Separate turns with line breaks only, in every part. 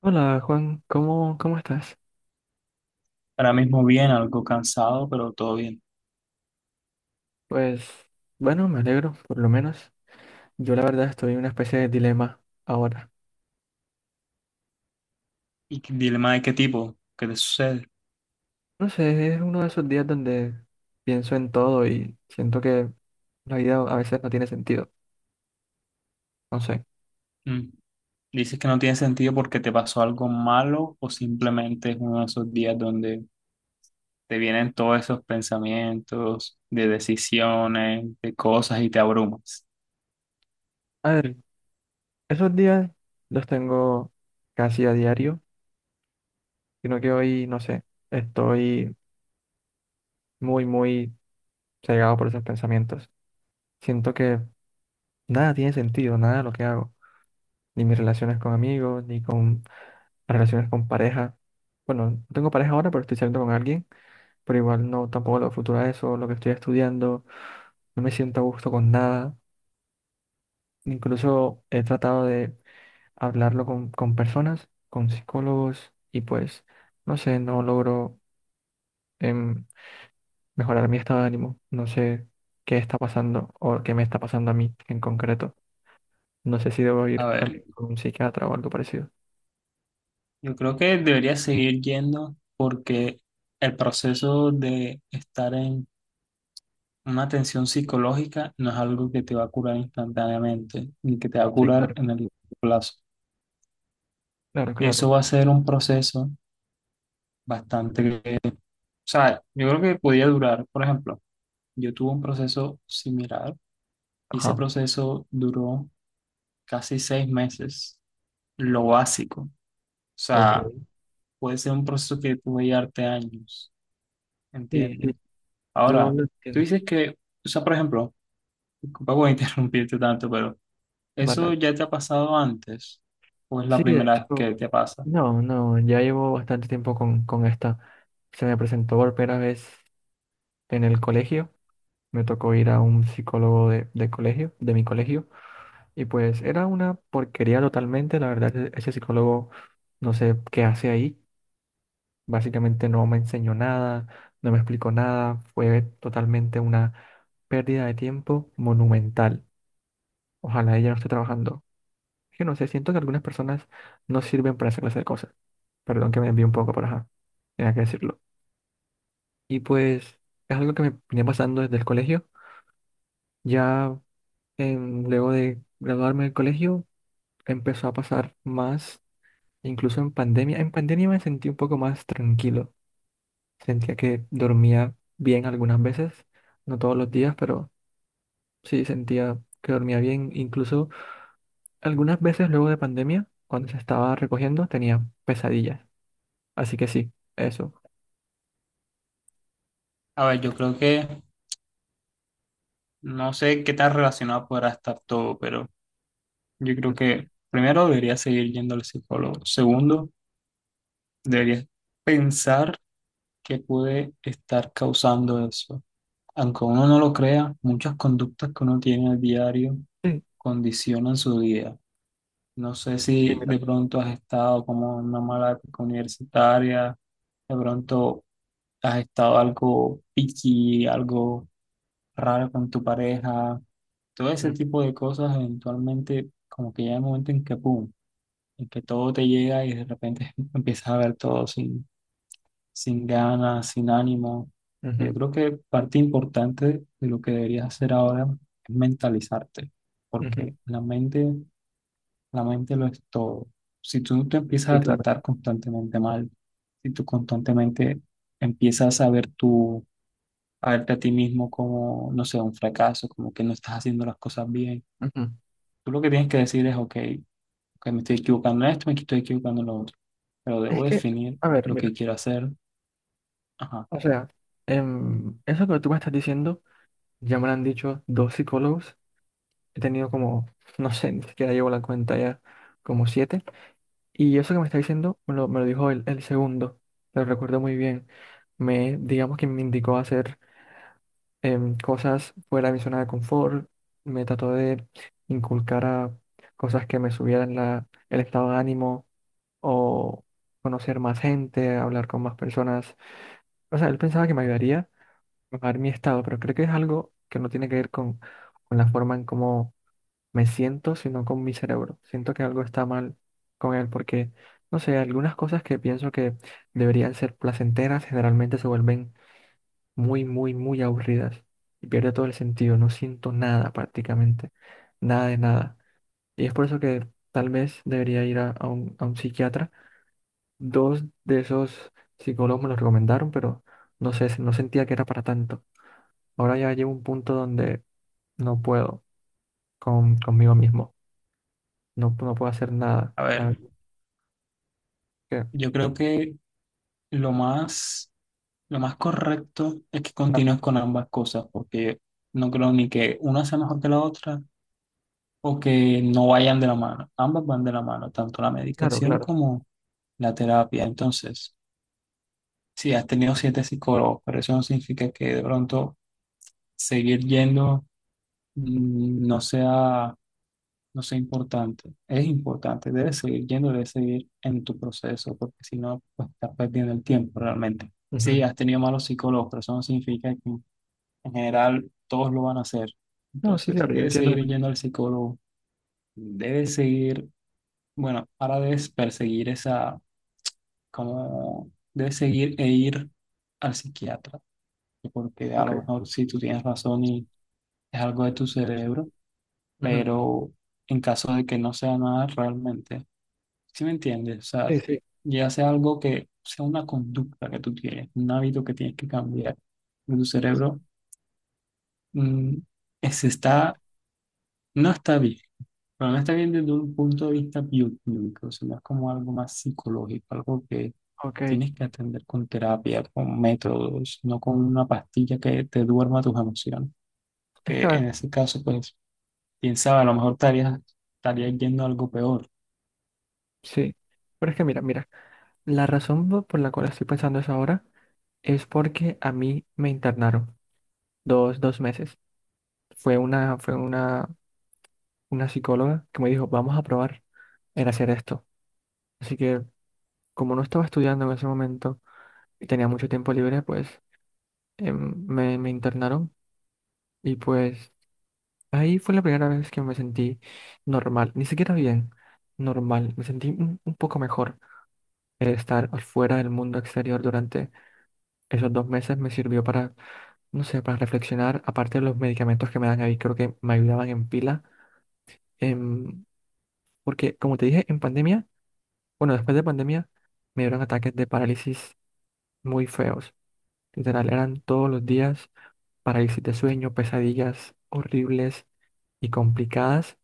Hola Juan, ¿cómo estás?
Ahora mismo bien, algo cansado, pero todo bien.
Pues bueno, me alegro, por lo menos. Yo la verdad estoy en una especie de dilema ahora.
¿Y dilema de qué tipo? ¿Qué te sucede?
No sé, es uno de esos días donde pienso en todo y siento que la vida a veces no tiene sentido. No sé.
Mm. Dices que no tiene sentido porque te pasó algo malo o simplemente es uno de esos días donde te vienen todos esos pensamientos de decisiones, de cosas y te abrumas.
A ver, esos días los tengo casi a diario, sino que hoy, no sé, estoy muy, muy cegado por esos pensamientos. Siento que nada tiene sentido, nada de lo que hago, ni mis relaciones con amigos, ni con relaciones con pareja. Bueno, no tengo pareja ahora, pero estoy saliendo con alguien, pero igual no, tampoco lo futuro a eso, lo que estoy estudiando, no me siento a gusto con nada. Incluso he tratado de hablarlo con personas, con psicólogos, y pues, no sé, no logro em, mejorar mi estado de ánimo. No sé qué está pasando o qué me está pasando a mí en concreto. No sé si debo
A
ir
ver,
también con un psiquiatra o algo parecido.
yo creo que deberías seguir yendo porque el proceso de estar en una tensión psicológica no es algo que te va a curar instantáneamente ni que te va a
No, sí,
curar
claro,
en el plazo.
claro,
Eso
claro.
va a ser un proceso bastante, o sea, yo creo que podía durar. Por ejemplo, yo tuve un proceso similar y ese
Ajá,
proceso duró casi 6 meses, lo básico, o sea,
ok.
puede ser un proceso que puede llevarte años,
Sí, sí,
¿entiendes?
yo
Ahora,
lo
tú
entiendo.
dices que, o sea, por ejemplo, disculpa por interrumpirte tanto, pero
Vale,
¿eso
vale.
ya te ha pasado antes o es la
Sí, de
primera vez
hecho,
que te pasa?
no, no, ya llevo bastante tiempo con esta. Se me presentó por primera vez en el colegio. Me tocó ir a un psicólogo de colegio, de mi colegio, y pues era una porquería totalmente. La verdad, ese psicólogo no sé qué hace ahí. Básicamente no me enseñó nada, no me explicó nada. Fue totalmente una pérdida de tiempo monumental. Ojalá ella no esté trabajando. Es que no sé, siento que algunas personas no sirven para esa clase de cosas. Perdón que me envié un poco, pero ajá, tenía que decirlo. Y pues es algo que me venía pasando desde el colegio. Ya luego de graduarme del colegio empezó a pasar más, incluso en pandemia. En pandemia me sentí un poco más tranquilo. Sentía que dormía bien algunas veces, no todos los días, pero sí sentía que dormía bien. Incluso algunas veces luego de pandemia, cuando se estaba recogiendo, tenía pesadillas. Así que sí, eso.
A ver, yo creo que no sé qué tan relacionado podrá estar todo, pero yo creo que primero debería seguir yendo al psicólogo. Segundo, debería pensar qué puede estar causando eso. Aunque uno no lo crea, muchas conductas que uno tiene al diario
Sí,
condicionan su vida. No sé
sí,
si
mira.
de pronto has estado como en una mala época universitaria, de pronto has estado algo picky, algo raro con tu pareja, todo ese
Mm,
tipo de cosas eventualmente como que llega el momento en que, ¡pum!, en que todo te llega y de repente empiezas a ver todo sin, sin ganas, sin ánimo. Yo
ujú,
creo que parte importante de lo que deberías hacer ahora es mentalizarte,
ujú.
porque la mente lo es todo. Si tú te
Sí,
empiezas a
claro.
tratar constantemente mal, si tú constantemente empiezas a ver a verte a ti mismo como, no sé, un fracaso, como que no estás haciendo las cosas bien,
Ujú.
tú lo que tienes que decir es, ok, ok, me estoy equivocando en esto, me estoy equivocando en lo otro. Pero
Es
debo
que,
definir
a ver,
lo
mira,
que quiero hacer. Ajá.
o sea, eso que tú me estás diciendo, ya me lo han dicho dos psicólogos, he tenido como, no sé, ni siquiera llevo la cuenta ya, como siete, y eso que me está diciendo me lo dijo el segundo, lo recuerdo muy bien, me, digamos que me indicó hacer cosas fuera de mi zona de confort, me trató de inculcar a cosas que me subieran la, el estado de ánimo o conocer más gente, hablar con más personas. O sea, él pensaba que me ayudaría a mejorar mi estado, pero creo que es algo que no tiene que ver con la forma en cómo me siento, sino con mi cerebro. Siento que algo está mal con él porque, no sé, algunas cosas que pienso que deberían ser placenteras generalmente se vuelven muy, muy, muy aburridas y pierde todo el sentido. No siento nada prácticamente, nada de nada. Y es por eso que tal vez debería ir a un psiquiatra. Dos de esos psicólogos me lo recomendaron, pero no sé, no sentía que era para tanto. Ahora ya llevo un punto donde no puedo conmigo mismo. No, no puedo hacer nada.
A
La
ver,
verdad que-
yo creo que lo más, lo más correcto es que
ah,
continúes con ambas cosas, porque no creo ni que una sea mejor que la otra o que no vayan de la mano. Ambas van de la mano, tanto la
claro,
medicación
claro.
como la terapia. Entonces, si has tenido 7 psicólogos, pero eso no significa que de pronto seguir yendo no sea, no sé, importante, es importante. Debes seguir yendo, debes seguir en tu proceso, porque si no, pues estás perdiendo el tiempo realmente.
Ujú.
Sí, has tenido malos psicólogos, pero eso no significa que en general todos lo van a hacer.
No, sí,
Entonces,
claro, yo
debes
entiendo.
seguir yendo al psicólogo, debes seguir, bueno, ahora debes perseguir esa, como, debes seguir e ir al psiquiatra, porque a lo
Ok.
mejor sí tú tienes razón y es algo de tu cerebro,
Ujú.
pero en caso de que no sea nada realmente. ¿Sí me entiendes? O sea,
Sí, sí.
ya sea algo que sea una conducta que tú tienes, un hábito que tienes que cambiar. De tu cerebro mm, está, no está bien, pero no está bien desde un punto de vista bioquímico, sino es como algo más psicológico, algo que
Ok.
tienes que atender con terapia, con métodos, no con una pastilla que te duerma tus emociones.
Es que
Que
a ver,
en ese caso, pues, piensaba, a lo mejor estarías yendo a algo peor.
sí. Pero es que mira, mira. La razón por la cual estoy pensando eso ahora es porque a mí me internaron dos meses. Fue una psicóloga que me dijo, vamos a probar en hacer esto. Así que como no estaba estudiando en ese momento y tenía mucho tiempo libre, pues me internaron y pues ahí fue la primera vez que me sentí normal, ni siquiera bien, normal, me sentí un poco mejor. El estar fuera del mundo exterior durante esos 2 meses me sirvió para, no sé, para reflexionar, aparte de los medicamentos que me dan ahí, creo que me ayudaban en pila, em, porque como te dije, en pandemia, bueno, después de pandemia, me dieron ataques de parálisis muy feos, literal, eran todos los días parálisis de sueño, pesadillas horribles y complicadas.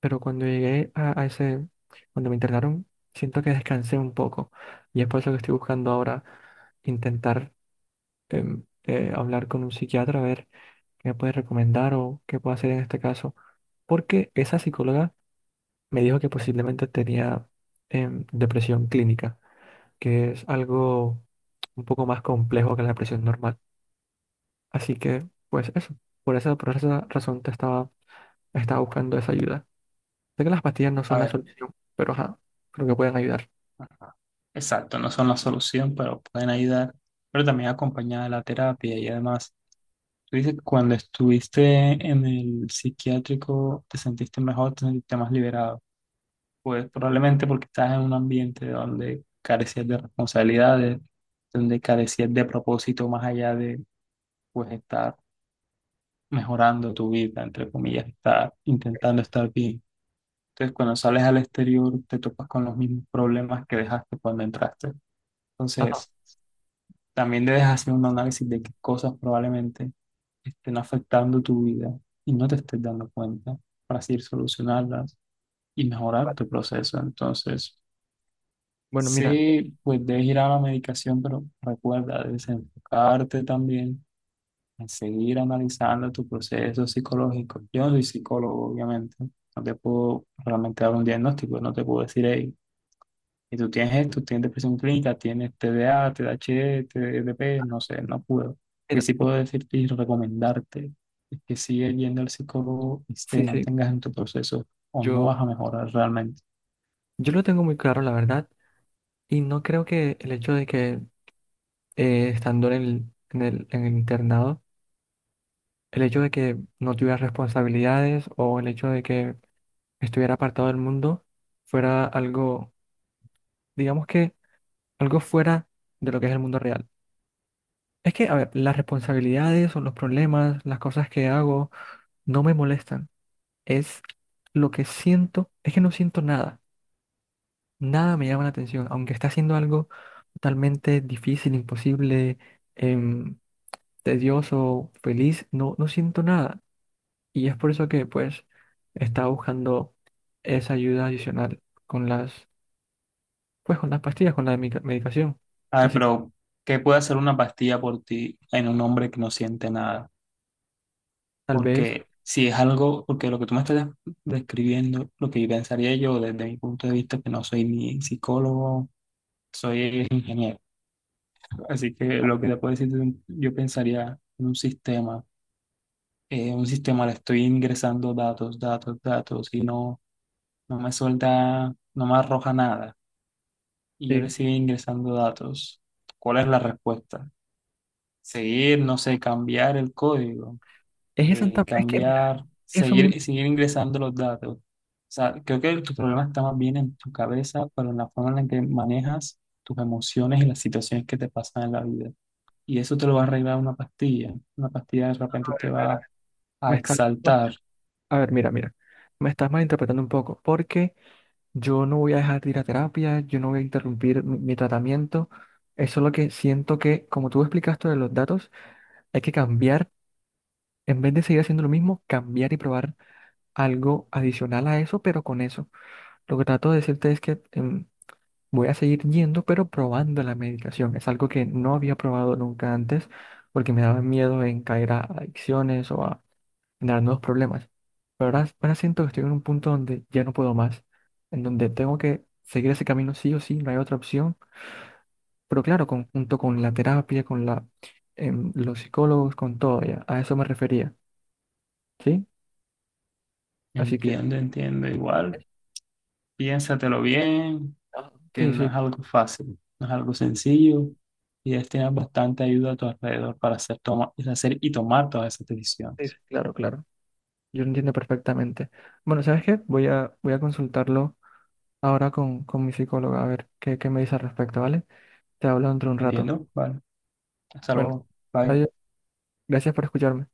Pero cuando llegué a cuando me internaron, siento que descansé un poco. Y es por eso que estoy buscando ahora intentar hablar con un psiquiatra, a ver qué me puede recomendar o qué puedo hacer en este caso. Porque esa psicóloga me dijo que posiblemente tenía depresión clínica, que es algo un poco más complejo que la depresión normal. Así que, pues eso, por esa razón te estaba, estaba buscando esa ayuda. Sé que las pastillas no
A
son la
ver.
solución, pero ajá, creo que pueden ayudar.
Ajá. Exacto, no son la solución, pero pueden ayudar, pero también acompañada de la terapia. Y además, tú dices que cuando estuviste en el psiquiátrico te sentiste mejor, te sentiste más liberado, pues probablemente porque estás en un ambiente donde carecías de responsabilidades, donde carecías de propósito más allá de pues estar mejorando tu vida, entre comillas, estar intentando estar bien. Entonces, cuando sales al exterior te topas con los mismos problemas que dejaste cuando entraste.
Ajá.
Entonces, también debes hacer un análisis de qué cosas probablemente estén afectando tu vida y no te estés dando cuenta para así solucionarlas y mejorar
Vale.
tu proceso. Entonces,
Bueno, mira,
sí, pues debes ir a la medicación, pero recuerda, debes enfocarte también en seguir analizando tu proceso psicológico. Yo no soy psicólogo, obviamente. No te puedo realmente dar un diagnóstico, no te puedo decir, hey, y tú tienes esto, tienes depresión clínica, tienes TDA, TDAH, TDP, no sé, no puedo. Lo que
mira,
sí puedo decirte y recomendarte es que sigue yendo al psicólogo y te
sí, sí,
mantengas en tu proceso o no
yo,
vas a mejorar realmente.
yo lo tengo muy claro, la verdad, y no creo que el hecho de que estando en el internado, el hecho de que no tuviera responsabilidades o el hecho de que estuviera apartado del mundo fuera algo, digamos que algo fuera de lo que es el mundo real. Es que, a ver, las responsabilidades o los problemas, las cosas que hago, no me molestan. Es lo que siento, es que no siento nada, nada me llama la atención, aunque está haciendo algo totalmente difícil, imposible, em, tedioso, feliz, no, no siento nada. Y es por eso que pues estaba buscando esa ayuda adicional con las, pues con las pastillas, con la medicación.
A ver,
Así que
pero ¿qué puede hacer una pastilla por ti en un hombre que no siente nada?
tal vez,
Porque si es algo, porque lo que tú me estás describiendo, lo que pensaría yo desde mi punto de vista, que no soy ni psicólogo, soy ingeniero. Así que lo que le puedo decir, es yo pensaría en un sistema. Un sistema le estoy ingresando datos, datos, datos y no, no me suelta, no me arroja nada. Y yo le
sí,
sigo ingresando datos. ¿Cuál es la respuesta? Seguir, no sé, cambiar el código,
es esa, es que mira,
cambiar,
eso mismo,
seguir, seguir ingresando los datos. O sea, creo que tu problema está más bien en tu cabeza, pero en la forma en la que manejas tus emociones y las situaciones que te pasan en la vida. Y eso te lo va a arreglar una pastilla. Una pastilla de repente te
a ver,
va a
me está,
exaltar.
a ver, mira, mira, me estás malinterpretando un poco, porque... Yo no voy a dejar de ir a terapia, yo no voy a interrumpir mi tratamiento. Eso es lo que siento que, como tú explicaste de los datos, hay que cambiar, en vez de seguir haciendo lo mismo, cambiar y probar algo adicional a eso, pero con eso. Lo que trato de decirte es que voy a seguir yendo, pero probando la medicación. Es algo que no había probado nunca antes, porque me daba miedo en caer a adicciones generar nuevos problemas. Pero ahora siento que estoy en un punto donde ya no puedo más, en donde tengo que seguir ese camino sí o sí, no hay otra opción. Pero claro, junto con la terapia, con la, los psicólogos, con todo, ya, a eso me refería, ¿sí? Así que,
Entiende, entiende. Igual, piénsatelo bien,
ah,
que
sí,
no
sí,
es algo fácil, no es algo sencillo y es tener bastante ayuda a tu alrededor para hacer, toma, hacer y tomar todas esas
sí,
decisiones.
sí, claro, claro, yo lo entiendo perfectamente. Bueno, ¿sabes qué? Voy a consultarlo ahora con mi psicóloga, a ver qué, qué me dice al respecto, ¿vale? Te hablo dentro de un rato.
¿Entiendo? Vale. Hasta
Bueno,
luego. Bye.
adiós, gracias por escucharme.